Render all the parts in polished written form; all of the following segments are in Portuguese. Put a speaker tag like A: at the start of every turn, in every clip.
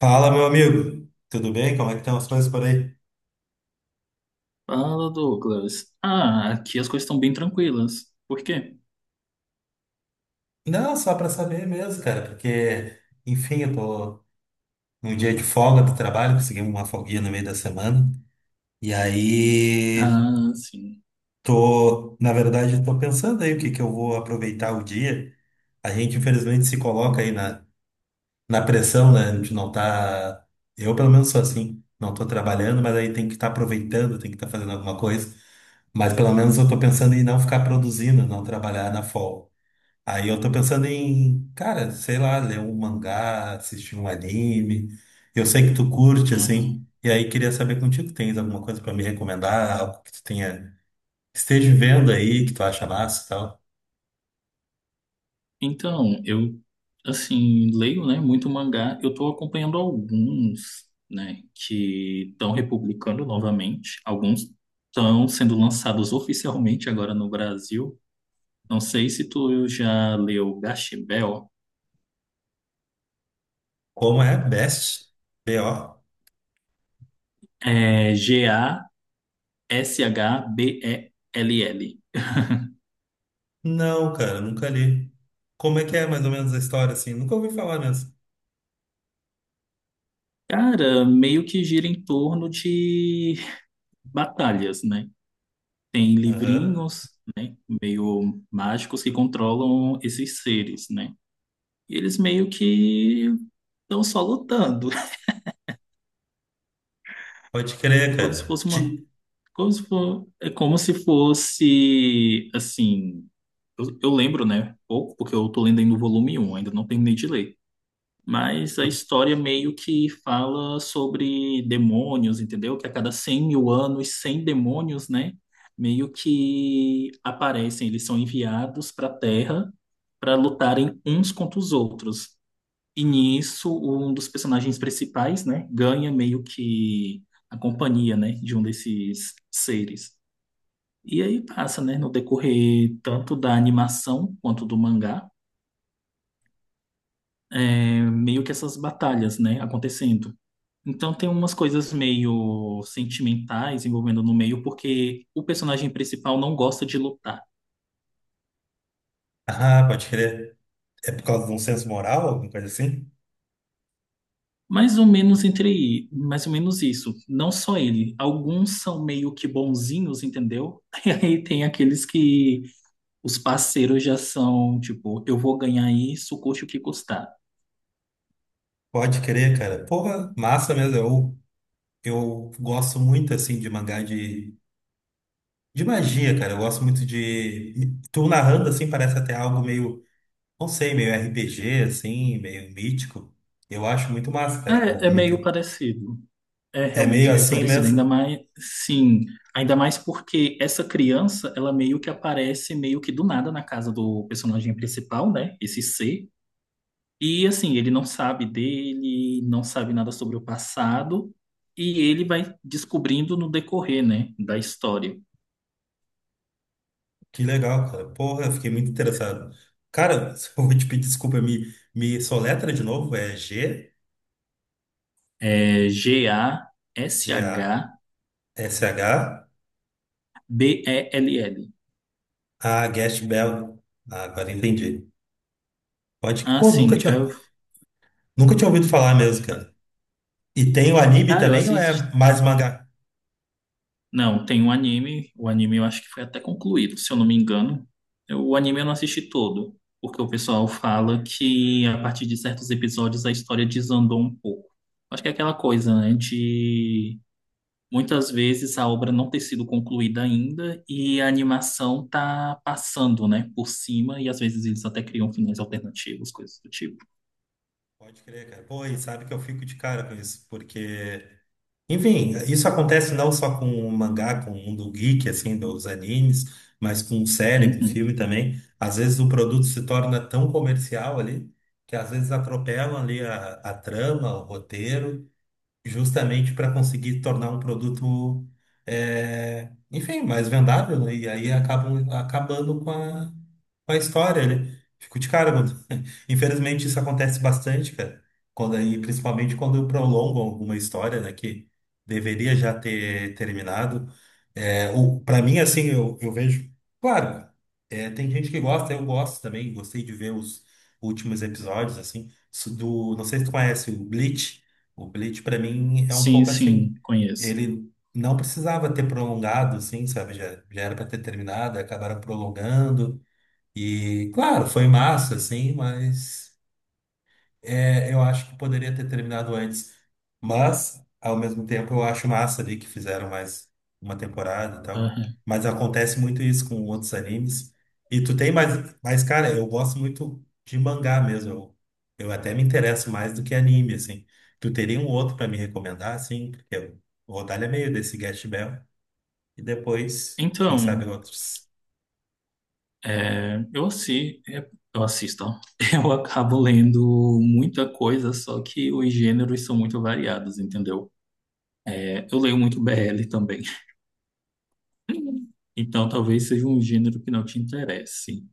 A: Fala, meu amigo. Tudo bem? Como é que estão as coisas por aí?
B: Fala, Douglas. Ah, aqui as coisas estão bem tranquilas. Por quê?
A: Não, só para saber mesmo, cara, porque, enfim, eu tô num dia de folga do trabalho, consegui uma folguinha no meio da semana. E aí,
B: Ah, sim.
A: tô, na verdade, eu tô pensando aí o que que eu vou aproveitar o dia. A gente, infelizmente, se coloca aí na pressão, né? A gente não tá. Eu, pelo menos, sou assim. Não tô trabalhando, mas aí tem que estar aproveitando, tem que estar fazendo alguma coisa. Mas pelo menos eu tô pensando em não ficar produzindo, não trabalhar na folga. Aí eu tô pensando em, cara, sei lá, ler um mangá, assistir um anime. Eu sei que tu curte, assim,
B: Uhum.
A: e aí queria saber contigo, tens alguma coisa pra me recomendar, algo que tu tenha, esteja vendo aí, que tu acha massa e tal.
B: Então, eu, assim, leio, né, muito mangá. Eu tô acompanhando alguns, né, que estão republicando novamente. Alguns estão sendo lançados oficialmente agora no Brasil. Não sei se tu já leu Gash.
A: Como é? Best? B.O.?
B: É Gashbell.
A: Não, cara, nunca li. Como é que é mais ou menos a história, assim? Nunca ouvi falar mesmo.
B: Cara, meio que gira em torno de batalhas, né? Tem
A: Aham.
B: livrinhos, né, meio mágicos que controlam esses seres, né? E eles meio que estão só lutando.
A: Pode
B: É
A: crer,
B: como se
A: cara.
B: fosse uma,
A: Ti-
B: como se for, é como se fosse assim, eu lembro, né, pouco, porque eu tô lendo ainda o volume 1, ainda não terminei de ler. Mas a história meio que fala sobre demônios, entendeu? Que a cada 100 mil anos, 100 demônios, né? Meio que aparecem, eles são enviados para a Terra para lutarem uns contra os outros. E nisso, um dos personagens principais, né, ganha meio que a companhia, né, de um desses seres. E aí passa, né, no decorrer tanto da animação quanto do mangá, é, meio que essas batalhas, né, acontecendo. Então tem umas coisas meio sentimentais envolvendo no meio, porque o personagem principal não gosta de lutar.
A: Ah, pode crer. É por causa de um senso moral, alguma coisa assim?
B: Mais ou menos isso. Não só ele. Alguns são meio que bonzinhos, entendeu? E aí tem aqueles que os parceiros já são, tipo, eu vou ganhar isso, custe o que custar.
A: Pode crer, cara. Porra, massa mesmo. Eu gosto muito, assim, de mangá de magia, cara. Eu gosto muito de... Tu narrando, assim, parece até algo meio, não sei, meio RPG, assim, meio mítico. Eu acho muito massa, cara. O
B: É, é
A: mito-
B: meio parecido. É
A: É
B: realmente
A: meio
B: meio
A: assim
B: parecido, ainda
A: mesmo.
B: mais, sim, ainda mais porque essa criança, ela meio que aparece meio que do nada na casa do personagem principal, né? Esse C. E assim, ele não sabe dele, não sabe nada sobre o passado, e ele vai descobrindo no decorrer, né, da história.
A: Que legal, cara. Porra, eu fiquei muito interessado. Cara, se eu vou te pedir desculpa, me soletra de novo. É G,
B: É
A: G-A-S-H,
B: Gashbell.
A: A, S H, A, Guest Bell. Ah, agora entendi. Pode que, pô,
B: Assim, eu,
A: nunca tinha ouvido falar mesmo, cara. E tem o anime
B: cara, eu
A: também ou é
B: assisti.
A: mais mangá?
B: Não, tem um anime. O anime eu acho que foi até concluído, se eu não me engano. O anime eu não assisti todo, porque o pessoal fala que a partir de certos episódios a história desandou um pouco. Acho que é aquela coisa, né, de muitas vezes a obra não ter sido concluída ainda e a animação tá passando, né, por cima e às vezes eles até criam finais alternativos, coisas do tipo.
A: Pode crer, cara. Pô, e sabe que eu fico de cara com isso, porque, enfim, isso acontece não só com o mangá, com o mundo geek, assim, dos animes, mas com série, com
B: Uhum.
A: filme também. Às vezes o produto se torna tão comercial ali, que às vezes atropelam ali a trama, o roteiro, justamente para conseguir tornar um produto, é, enfim, mais vendável, né? E aí acabam acabando com a história, né? Fico de cara, mano. Infelizmente isso acontece bastante, cara. Quando aí, principalmente quando prolongam alguma história, né, que deveria já ter terminado. É, o, para mim, assim, eu vejo. Claro, é, tem gente que gosta, eu gosto também, gostei de ver os últimos episódios, assim, do, não sei se tu conhece o Bleach. O Bleach, pra mim, é um
B: Sim,
A: pouco
B: sim,
A: assim.
B: conheço.
A: Ele não precisava ter prolongado, assim, sabe? Já era pra ter terminado, acabaram prolongando. E, claro, foi massa, assim, mas. É, eu acho que poderia ter terminado antes, mas ao mesmo tempo eu acho massa ali que fizeram mais uma temporada e tal.
B: Aham.
A: Mas acontece muito isso com outros animes. E tu tem mais, mas cara, eu gosto muito de mangá mesmo. Eu até me interesso mais do que anime, assim. Tu teria um outro pra me recomendar, assim? Porque eu- o Rodalho é meio desse Gash Bell. E depois, quem sabe
B: Então.
A: outros.
B: É, eu, assi, é, eu assisto, ó. Eu acabo lendo muita coisa, só que os gêneros são muito variados, entendeu? É, eu leio muito BL também. Então talvez seja um gênero que não te interesse.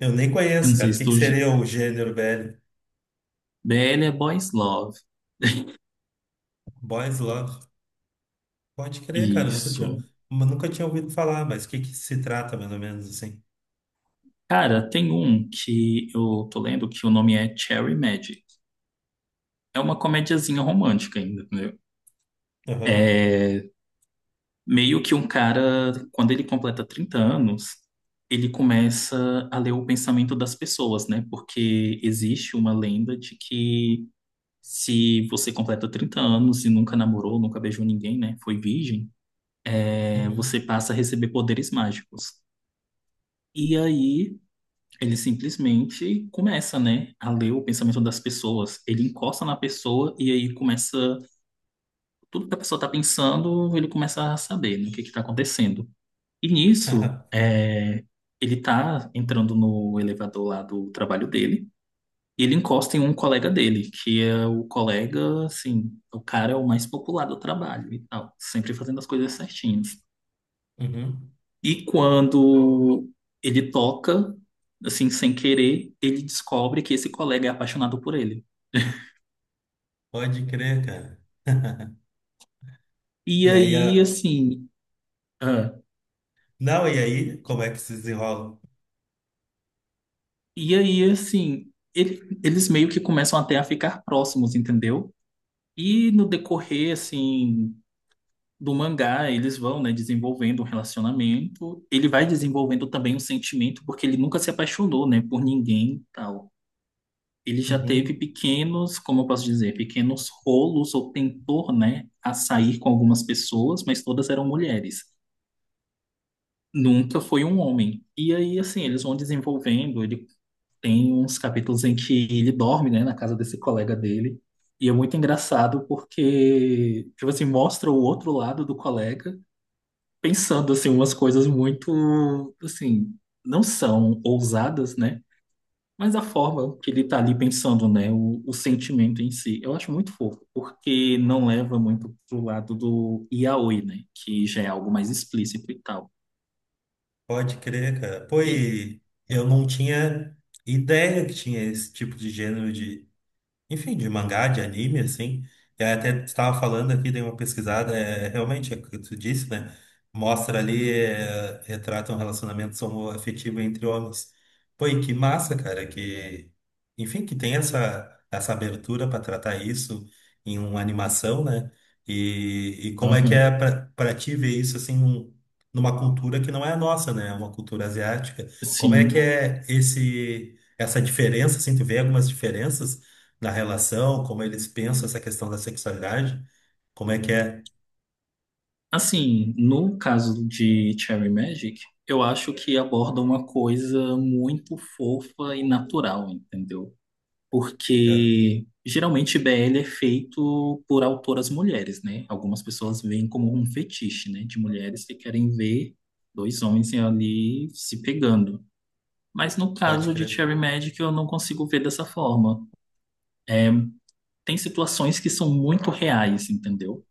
A: Eu nem
B: Eu não
A: conheço, cara.
B: sei
A: O
B: se
A: que que
B: tu.
A: seria o gênero, velho?
B: BL é Boys Love.
A: Boys Love. Pode crer, cara. Eu
B: Isso.
A: nunca tinha ouvido falar, mas o que que se trata, mais ou menos, assim?
B: Cara, tem um que eu tô lendo que o nome é Cherry Magic. É uma comediazinha romântica ainda, entendeu?
A: Aham.
B: É, meio que um cara, quando ele completa 30 anos, ele começa a ler o pensamento das pessoas, né? Porque existe uma lenda de que se você completa 30 anos e nunca namorou, nunca beijou ninguém, né? Foi virgem, é, você
A: Uhum.
B: passa a receber poderes mágicos. E aí ele simplesmente começa, né, a ler o pensamento das pessoas. Ele encosta na pessoa e aí começa tudo que a pessoa tá pensando, ele começa a saber, né, o que que tá acontecendo. E nisso, é, ele tá entrando no elevador lá do trabalho dele, e ele encosta em um colega dele, que é o colega, assim, o cara é o mais popular do trabalho e tal, sempre fazendo as coisas certinhas.
A: Uhum.
B: E quando ele toca, assim, sem querer, ele descobre que esse colega é apaixonado por ele.
A: Pode crer, cara.
B: E
A: E aí a...
B: aí, assim, ah,
A: Não, e aí, como é que se desenrola?
B: eles meio que começam até a ficar próximos, entendeu? E no decorrer, assim, do mangá, eles vão, né, desenvolvendo um relacionamento. Ele vai desenvolvendo também um sentimento, porque ele nunca se apaixonou, né, por ninguém e tal. Ele já teve
A: Uhum.
B: pequenos, como eu posso dizer, pequenos rolos ou tentou, né, a sair com algumas pessoas, mas todas eram mulheres. Nunca foi um homem. E aí, assim, eles vão desenvolvendo. Ele tem uns capítulos em que ele dorme, né, na casa desse colega dele. E é muito engraçado porque, tipo assim, mostra o outro lado do colega pensando assim umas coisas muito assim, não são ousadas, né? Mas a forma que ele tá ali pensando, né, o sentimento em si, eu acho muito fofo, porque não leva muito pro lado do yaoi, né, que já é algo mais explícito e tal.
A: Pode crer, cara. Pô,
B: E
A: e eu não tinha ideia que tinha esse tipo de gênero. Enfim, de mangá, de anime, assim. E aí até estava falando aqui, dei uma pesquisada, é, realmente é o que tu disse, né? Mostra ali, é, retrata um relacionamento homoafetivo entre homens. Pô, e que massa, cara, que. Enfim, que tem essa abertura para tratar isso em uma animação, né? E como é que
B: aham,
A: é para ti ver isso, assim, num- numa cultura que não é a nossa, né? É uma cultura asiática. Como é
B: sim,
A: que é esse. Essa diferença, assim, tu vê algumas diferenças na relação, como eles pensam essa questão da sexualidade, como é que é.
B: assim, no caso de Cherry Magic, eu acho que aborda uma coisa muito fofa e natural, entendeu?
A: É,
B: Porque geralmente BL é feito por autoras mulheres, né? Algumas pessoas veem como um fetiche, né? De mulheres que querem ver dois homens ali se pegando. Mas no
A: Pode
B: caso de
A: crer.
B: Cherry Magic, eu não consigo ver dessa forma. É, tem situações que são muito reais, entendeu?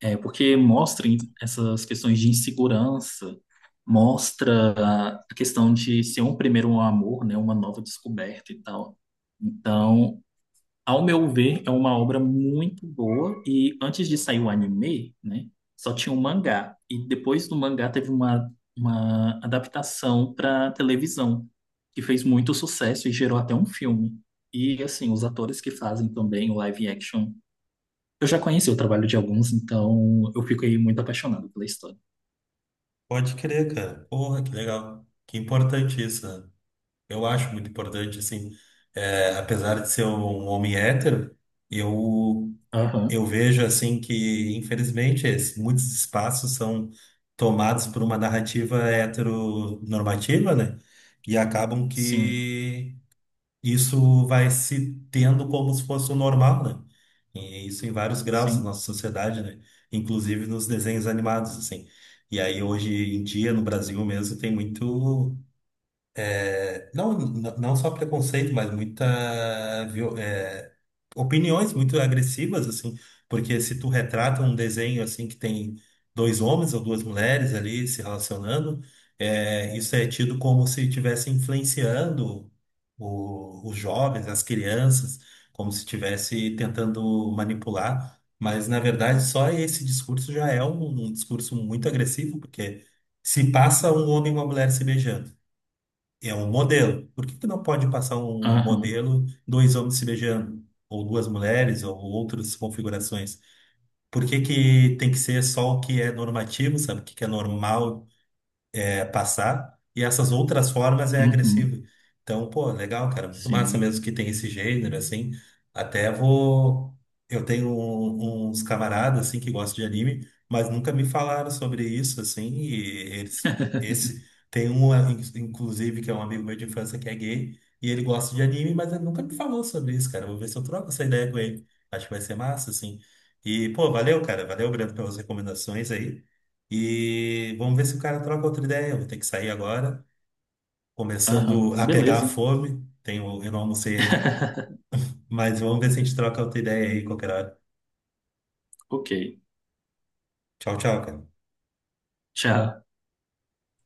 B: É, porque mostram essas questões de insegurança, mostra a questão de ser um primeiro amor, né? Uma nova descoberta e tal. Então, ao meu ver, é uma obra muito boa e antes de sair o anime, né, só tinha o mangá e depois do mangá teve uma, adaptação para televisão que fez muito sucesso e gerou até um filme. E assim, os atores que fazem também o live action, eu já conheci o trabalho de alguns, então eu fico aí muito apaixonado pela história.
A: Pode crer, cara. Porra, que legal. Que importante isso, né? Eu acho muito importante, assim, é, apesar de ser um homem hétero, eu,
B: Aham,
A: eu vejo, assim, que, infelizmente, es- muitos espaços são tomados por uma narrativa heteronormativa, né? E acabam
B: sim,
A: que isso vai se tendo como se fosse o normal, né? E isso em vários graus da
B: sim,
A: nossa sociedade, né? Inclusive nos desenhos animados, assim. E aí hoje em dia no Brasil mesmo tem muito é, não, n- não só preconceito, mas muita, viol- é, opiniões muito agressivas, assim, porque se tu retrata um desenho, assim, que tem dois homens ou duas mulheres ali se relacionando, é, isso é tido como se estivesse influenciando o- os jovens, as crianças, como se estivesse tentando manipular, mas, na verdade, só esse discurso já é um discurso muito agressivo, porque se passa um homem e uma mulher se beijando. É um modelo. Por que que não pode passar um
B: aham,
A: modelo, dois homens se beijando, ou duas mulheres, ou outras configurações? Por que que tem que ser só o que é normativo, sabe? O que que é normal, é, passar, e essas outras formas é agressivo.
B: uhum,
A: Então, pô, legal, cara, muito massa
B: sim,
A: mesmo que tem esse gênero, assim. Até vou. Eu tenho um- uns camaradas, assim, que gostam de anime, mas nunca me falaram sobre isso, assim, e eles. Esse. Tem um, ah, in- inclusive, que é um amigo meu de infância que é gay, e ele gosta de anime, mas ele nunca me falou sobre isso, cara. Vou ver se eu troco essa ideia com ele. Acho que vai ser massa, assim. E, pô, valeu, cara. Valeu, Brando, pelas recomendações aí. E vamos ver se o cara troca outra ideia. Eu vou ter que sair agora, começando
B: aham,
A: a pegar a
B: beleza,
A: fome. Tenho, eu não almocei ainda. Mas vamos ver se a gente troca outra ideia aí qualquer hora.
B: ok,
A: Tchau, tchau, cara.
B: tchau.